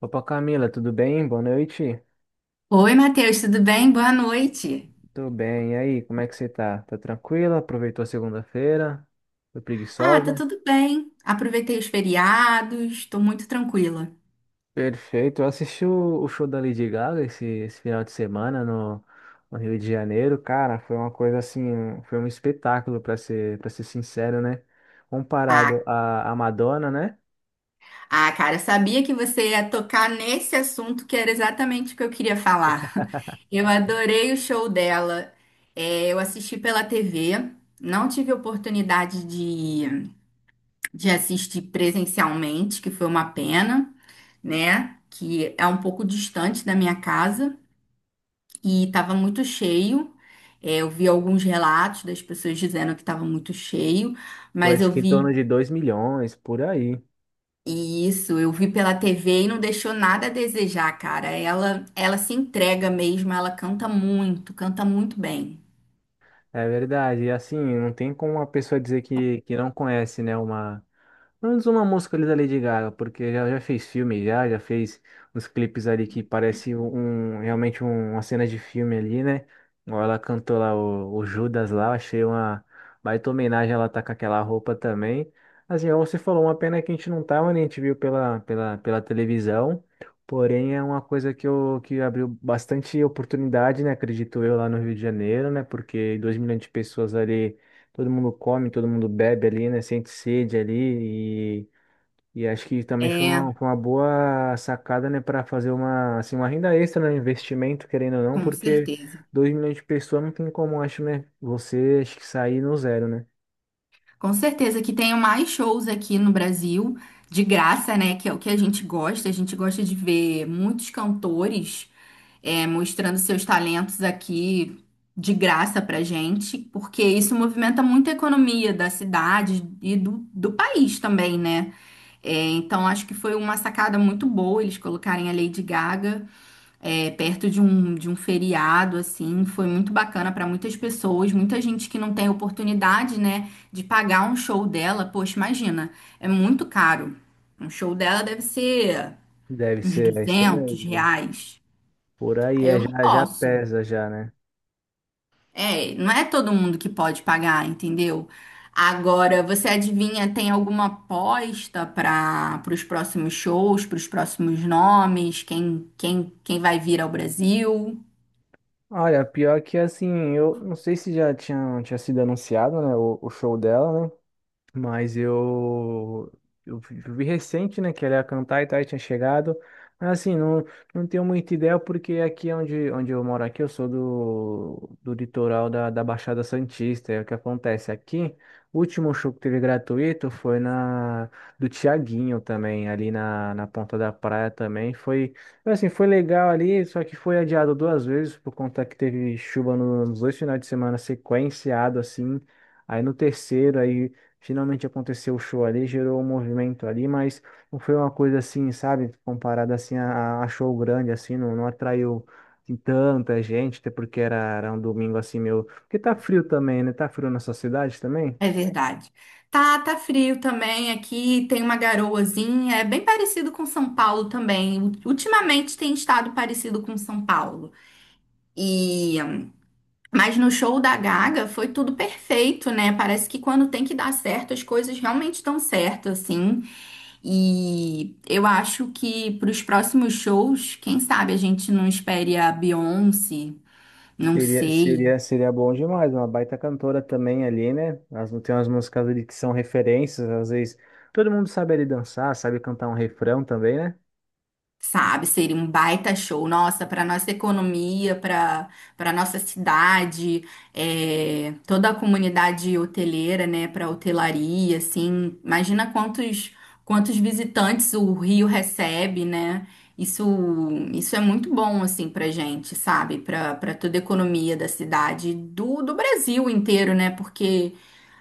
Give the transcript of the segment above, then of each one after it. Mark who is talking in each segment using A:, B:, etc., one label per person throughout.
A: Opa, Camila, tudo bem? Boa noite.
B: Oi, Matheus, tudo bem? Boa noite.
A: Tudo bem. E aí, como é que você tá? Tá tranquila? Aproveitou a segunda-feira? Foi
B: Tá
A: preguiçosa?
B: tudo bem. Aproveitei os feriados, tô muito tranquila.
A: Perfeito. Eu assisti o show da Lady Gaga esse final de semana no Rio de Janeiro. Cara, foi uma coisa assim, foi um espetáculo, para ser sincero, né? Comparado
B: Ah,
A: à Madonna, né?
B: Cara, eu sabia que você ia tocar nesse assunto que era exatamente o que eu queria falar. Eu adorei o show dela. É, eu assisti pela TV, não tive oportunidade de assistir presencialmente, que foi uma pena, né? Que é um pouco distante da minha casa e estava muito cheio. É, eu vi alguns relatos das pessoas dizendo que estava muito cheio,
A: Eu
B: mas
A: acho
B: eu
A: que em
B: vi
A: torno de 2 milhões, por aí.
B: isso, eu vi pela TV e não deixou nada a desejar, cara. Ela se entrega mesmo, ela canta muito bem.
A: É verdade. E assim, não tem como uma pessoa dizer que não conhece, né? Uma Pelo menos uma música ali da Lady Gaga, porque já fez filme, já fez uns clipes ali que parece realmente uma cena de filme ali, né? Igual ela cantou lá o Judas lá, achei uma baita homenagem, ela tá com aquela roupa também. Assim, igual você falou, uma pena que a gente não tava, né? A gente viu pela televisão, porém é uma coisa que, eu, que abriu bastante oportunidade, né? Acredito eu, lá no Rio de Janeiro, né? Porque 2 milhões de pessoas ali todo mundo come, todo mundo bebe ali, né? Sente sede ali e acho que também
B: É,
A: foi uma boa sacada, né? Para fazer uma, assim, uma renda extra, né? Investimento, querendo ou não,
B: com
A: porque
B: certeza.
A: 2 milhões de pessoas não tem como, acho, né? Você acho que sair no zero, né?
B: Com certeza que tenho mais shows aqui no Brasil, de graça, né? Que é o que a gente gosta. A gente gosta de ver muitos cantores, mostrando seus talentos aqui de graça pra gente, porque isso movimenta muito a economia da cidade e do país também, né? É, então acho que foi uma sacada muito boa eles colocarem a Lady Gaga, perto de um feriado. Assim, foi muito bacana para muitas pessoas, muita gente que não tem oportunidade, né, de pagar um show dela. Poxa, imagina, é muito caro. Um show dela deve ser
A: Deve
B: uns
A: ser, é isso
B: 200
A: mesmo.
B: reais.
A: Por aí
B: Aí eu
A: é,
B: não
A: já
B: posso.
A: pesa já, né?
B: É, não é todo mundo que pode pagar, entendeu? Agora, você adivinha, tem alguma aposta para os próximos shows, para os próximos nomes, quem vai vir ao Brasil?
A: Olha, pior que assim, eu não sei se já tinha sido anunciado, né? O show dela, né? Mas eu vi recente, né, que ela ia cantar e tal, e tinha chegado. Mas assim, não, não tenho muita ideia, porque aqui é onde eu moro aqui, eu sou do litoral da Baixada Santista. E é o que acontece aqui, o último show que teve gratuito foi na do Tiaguinho também, ali na Ponta da Praia também. Foi, assim, foi legal ali, só que foi adiado duas vezes, por conta que teve chuva nos dois finais de semana sequenciado, assim. Aí no terceiro, aí. Finalmente aconteceu o show ali, gerou um movimento ali, mas não foi uma coisa assim, sabe? Comparada assim a show grande, assim, não, não atraiu assim, tanta gente, até porque era um domingo assim meio. Porque tá frio também, né? Tá frio na sua cidade também?
B: É verdade. Tá, tá frio também aqui, tem uma garoazinha, é bem parecido com São Paulo também. Ultimamente tem estado parecido com São Paulo. E mas no show da Gaga foi tudo perfeito, né? Parece que quando tem que dar certo, as coisas realmente estão certo, assim. E eu acho que para os próximos shows, quem sabe a gente não espere a Beyoncé, não sei.
A: Seria bom demais, uma baita cantora também ali, né? As, tem umas músicas ali que são referências, às vezes todo mundo sabe ali dançar, sabe cantar um refrão também, né?
B: Sabe, seria um baita show, nossa, para nossa economia, para nossa cidade, é, toda a comunidade hoteleira, né, para hotelaria. Assim, imagina quantos visitantes o Rio recebe, né? Isso isso é muito bom assim pra gente, sabe? Para toda a economia da cidade, do Brasil inteiro, né? Porque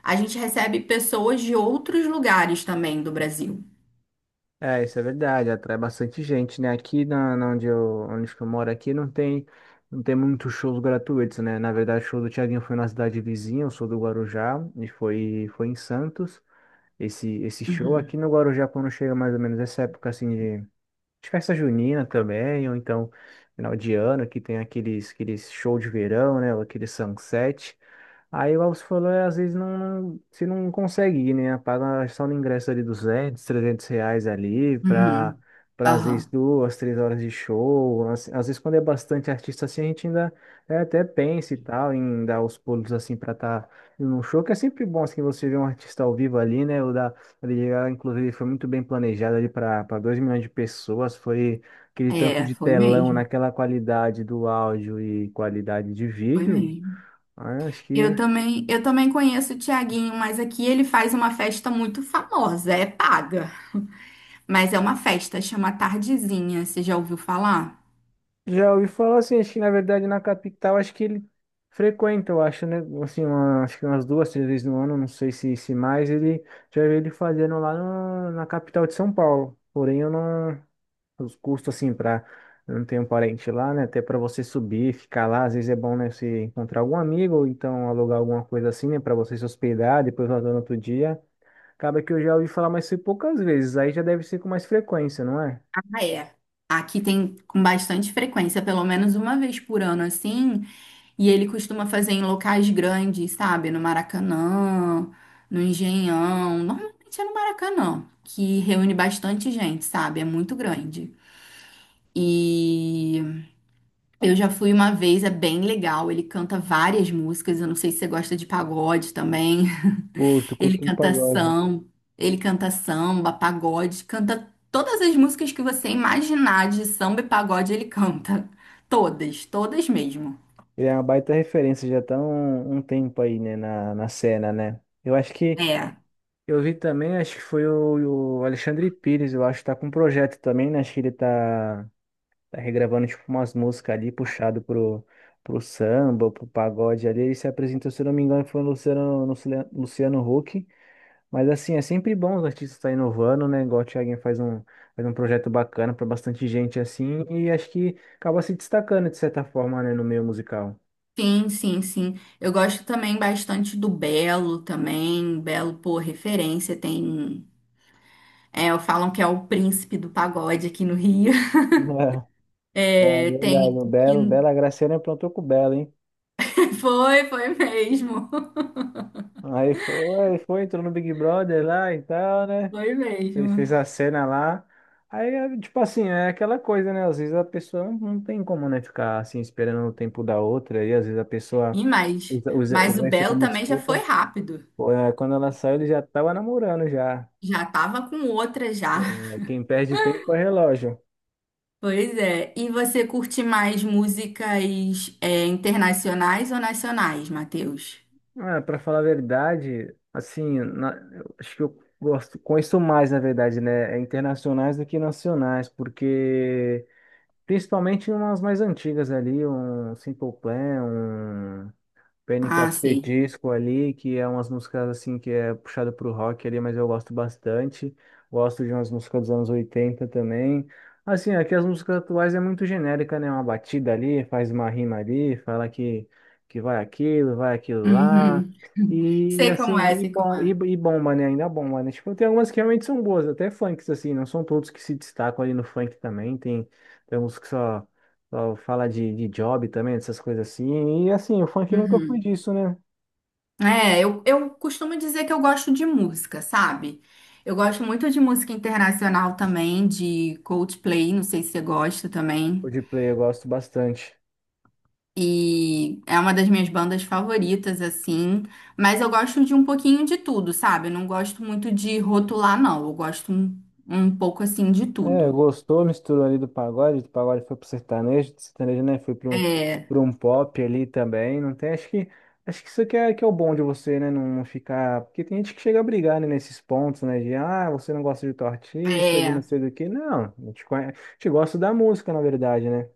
B: a gente recebe pessoas de outros lugares também do Brasil.
A: É, isso é verdade, atrai bastante gente, né? Aqui na onde eu, onde que eu moro aqui não tem, não tem muitos shows gratuitos, né? Na verdade, o show do Thiaguinho foi na cidade vizinha, eu sou do Guarujá, e foi, foi em Santos. Esse show aqui no Guarujá, quando chega mais ou menos essa época assim de festa junina também, ou então final de ano, que tem aqueles, aqueles show de verão, né? Ou aquele sunset. Aí, o Alves falou, é, às vezes não, você não consegue ir, né? Paga só no ingresso ali 200, 300 reais ali para
B: Uhum.
A: para às vezes
B: Aham.
A: duas, três horas de show. Às vezes quando é bastante artista assim, a gente ainda é, até pensa e tal em dar os pulos assim para estar num show, que é sempre bom assim você ver um artista ao vivo ali, né? O da ali, ela, inclusive, foi muito bem planejado ali para 2 milhões de pessoas. Foi aquele tanto
B: É,
A: de
B: foi
A: telão
B: mesmo,
A: naquela qualidade do áudio e qualidade de
B: foi
A: vídeo.
B: mesmo.
A: Ah, acho
B: Eu
A: que
B: também, eu também conheço o Tiaguinho, mas aqui ele faz uma festa muito famosa, é paga, mas é uma festa, chama Tardezinha, você já ouviu falar?
A: já ouvi falar assim, acho que na verdade na capital, acho que ele frequenta, eu acho, né? Assim, acho que umas duas, três vezes no ano, não sei se mais, ele já vi ele fazendo lá na capital de São Paulo. Porém, eu não. Os custos, assim, pra. Eu não tenho parente lá, né? Até pra você subir, ficar lá, às vezes é bom, né? Você encontrar algum amigo, ou então alugar alguma coisa assim, né? Pra você se hospedar, depois voltar no outro dia. Acaba que eu já ouvi falar, mas foi poucas vezes, aí já deve ser com mais frequência, não é?
B: Ah, é. Aqui tem com bastante frequência, pelo menos uma vez por ano, assim, e ele costuma fazer em locais grandes, sabe? No Maracanã, no Engenhão, normalmente é no Maracanã, que reúne bastante gente, sabe? É muito grande. E eu já fui uma vez, é bem legal. Ele canta várias músicas. Eu não sei se você gosta de pagode também.
A: Curto,
B: Ele
A: curto um
B: canta
A: pagode.
B: samba, ele canta samba, pagode, canta todas as músicas que você imaginar de samba e pagode, ele canta. Todas, todas mesmo.
A: Ele é uma baita referência, já tá um tempo aí, né, na cena, né? Eu acho que
B: É.
A: eu vi também, acho que foi o Alexandre Pires, eu acho que tá com um projeto também, né? Acho que ele tá regravando tipo umas músicas ali, puxado pro samba, pro pagode ali. Ele se apresentou, se eu não me engano, foi o Luciano, Luciano Huck. Mas assim, é sempre bom os artistas estar inovando, né? Igual o Thiaguinho faz faz um projeto bacana pra bastante gente assim, e acho que acaba se destacando de certa forma, né, no meio musical.
B: Sim, sim, sim. Eu gosto também bastante do Belo também. Belo, pô, referência. Tem um, é, falam que é o príncipe do pagode aqui no Rio.
A: Ah,
B: É,
A: verdade,
B: tem.
A: o
B: Que...
A: Belo, Bela Graciane aprontou com o Belo, hein?
B: Foi, foi mesmo.
A: Aí foi, foi, entrou no Big Brother lá e tal, né?
B: Foi
A: Ele
B: mesmo.
A: fez a cena lá. Aí, é, tipo assim, é aquela coisa, né? Às vezes a pessoa não tem como, né, ficar assim esperando o tempo da outra. E às vezes a pessoa
B: E mais. Mas o
A: usa isso
B: Belo
A: como
B: também já foi
A: desculpa.
B: rápido.
A: Pô, é, quando ela saiu, ele já tava namorando já.
B: Já tava com outra já.
A: É, quem perde tempo é relógio.
B: Pois é. E você curte mais músicas, internacionais ou nacionais, Matheus?
A: Ah, para falar a verdade, assim, eu acho que eu gosto, conheço mais, na verdade, né? É internacionais do que nacionais, porque principalmente umas mais antigas ali, um Simple Plan, um Panic
B: Ah,
A: of the
B: sei.
A: Disco ali, que é umas músicas assim que é puxada pro rock ali, mas eu gosto bastante. Gosto de umas músicas dos anos 80 também. Assim, aqui as músicas atuais é muito genérica, né? Uma batida ali, faz uma rima ali, fala que vai aquilo lá.
B: Uhum.
A: E,
B: Sei como é, sei como é.
A: e bomba, né? Ainda bomba, né? Tipo, tem algumas que realmente são boas, até funks, assim, não são todos que se destacam ali no funk também. Tem, tem uns que só. Só fala de job também, dessas coisas assim. E assim, o funk nunca foi
B: Uhum.
A: disso, né?
B: É, eu costumo dizer que eu gosto de música, sabe? Eu gosto muito de música internacional também, de Coldplay, não sei se você gosta
A: O
B: também.
A: de play eu gosto bastante.
B: E é uma das minhas bandas favoritas, assim. Mas eu gosto de um pouquinho de tudo, sabe? Eu não gosto muito de rotular, não. Eu gosto um, pouco, assim, de
A: É,
B: tudo.
A: gostou, misturou ali do pagode foi pro sertanejo, do sertanejo, né? Foi pro,
B: É,
A: pro um pop ali também. Não tem, acho que isso que é o bom de você, né? Não, não ficar. Porque tem gente que chega a brigar, né, nesses pontos, né? De ah, você não gosta de tal artista, de não
B: é,
A: sei do que. Não, a gente, a gente gosta da música, na verdade, né?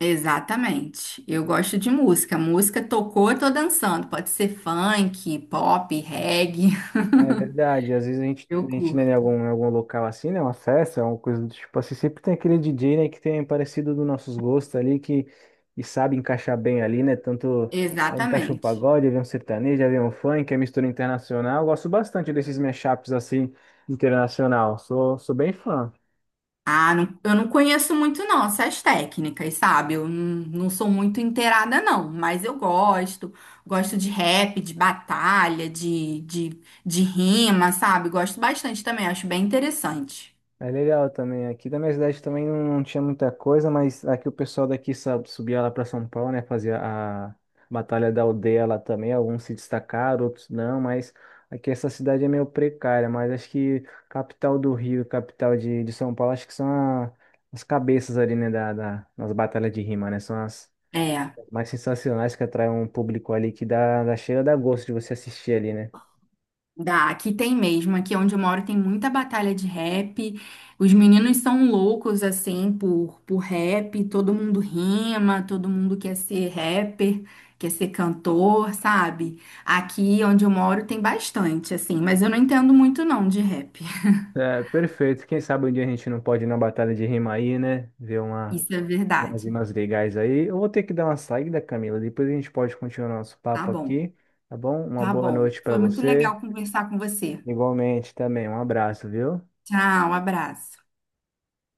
B: exatamente. Eu gosto de música. Música tocou, eu tô dançando. Pode ser funk, pop, reggae.
A: É verdade, às vezes
B: Eu
A: a gente né, em
B: curto.
A: em algum local assim, né, uma festa, uma coisa do tipo assim, sempre tem aquele DJ, né, que tem parecido dos nossos gostos ali, que e sabe encaixar bem ali, né, tanto é, encaixa um
B: Exatamente.
A: pagode, vem um sertanejo, vem um funk, é mistura internacional, eu gosto bastante desses mashups assim, internacional, sou, sou bem fã.
B: Ah, não, eu não conheço muito não essas técnicas, sabe? Eu não, não sou muito inteirada não, mas eu gosto. Gosto de rap, de batalha, de rima, sabe? Gosto bastante também, acho bem interessante.
A: É legal também. Aqui da minha cidade também não, não tinha muita coisa, mas aqui o pessoal daqui sabe, subia lá para São Paulo, né? Fazia a Batalha da Aldeia lá também. Alguns se destacaram, outros não, mas aqui essa cidade é meio precária. Mas acho que capital do Rio, capital de São Paulo, acho que são a- as cabeças ali, né? Nas batalhas de rima, né? São as
B: É.
A: mais sensacionais que atraem um público ali que dá, dá cheira, dá gosto de você assistir ali, né?
B: Dá, aqui tem mesmo. Aqui onde eu moro tem muita batalha de rap. Os meninos são loucos, assim, por rap. Todo mundo rima, todo mundo quer ser rapper, quer ser cantor, sabe? Aqui onde eu moro tem bastante, assim, mas eu não entendo muito não de rap.
A: É, perfeito. Quem sabe um dia a gente não pode ir na batalha de rima aí, né? Ver uma.
B: Isso é
A: Umas
B: verdade.
A: umas legais aí. Eu vou ter que dar uma saída, Camila. Depois a gente pode continuar nosso
B: Tá
A: papo
B: bom,
A: aqui, tá bom? Uma
B: tá
A: boa
B: bom.
A: noite para
B: Foi muito
A: você.
B: legal conversar com você.
A: Igualmente também. Um abraço, viu?
B: Tchau, abraço.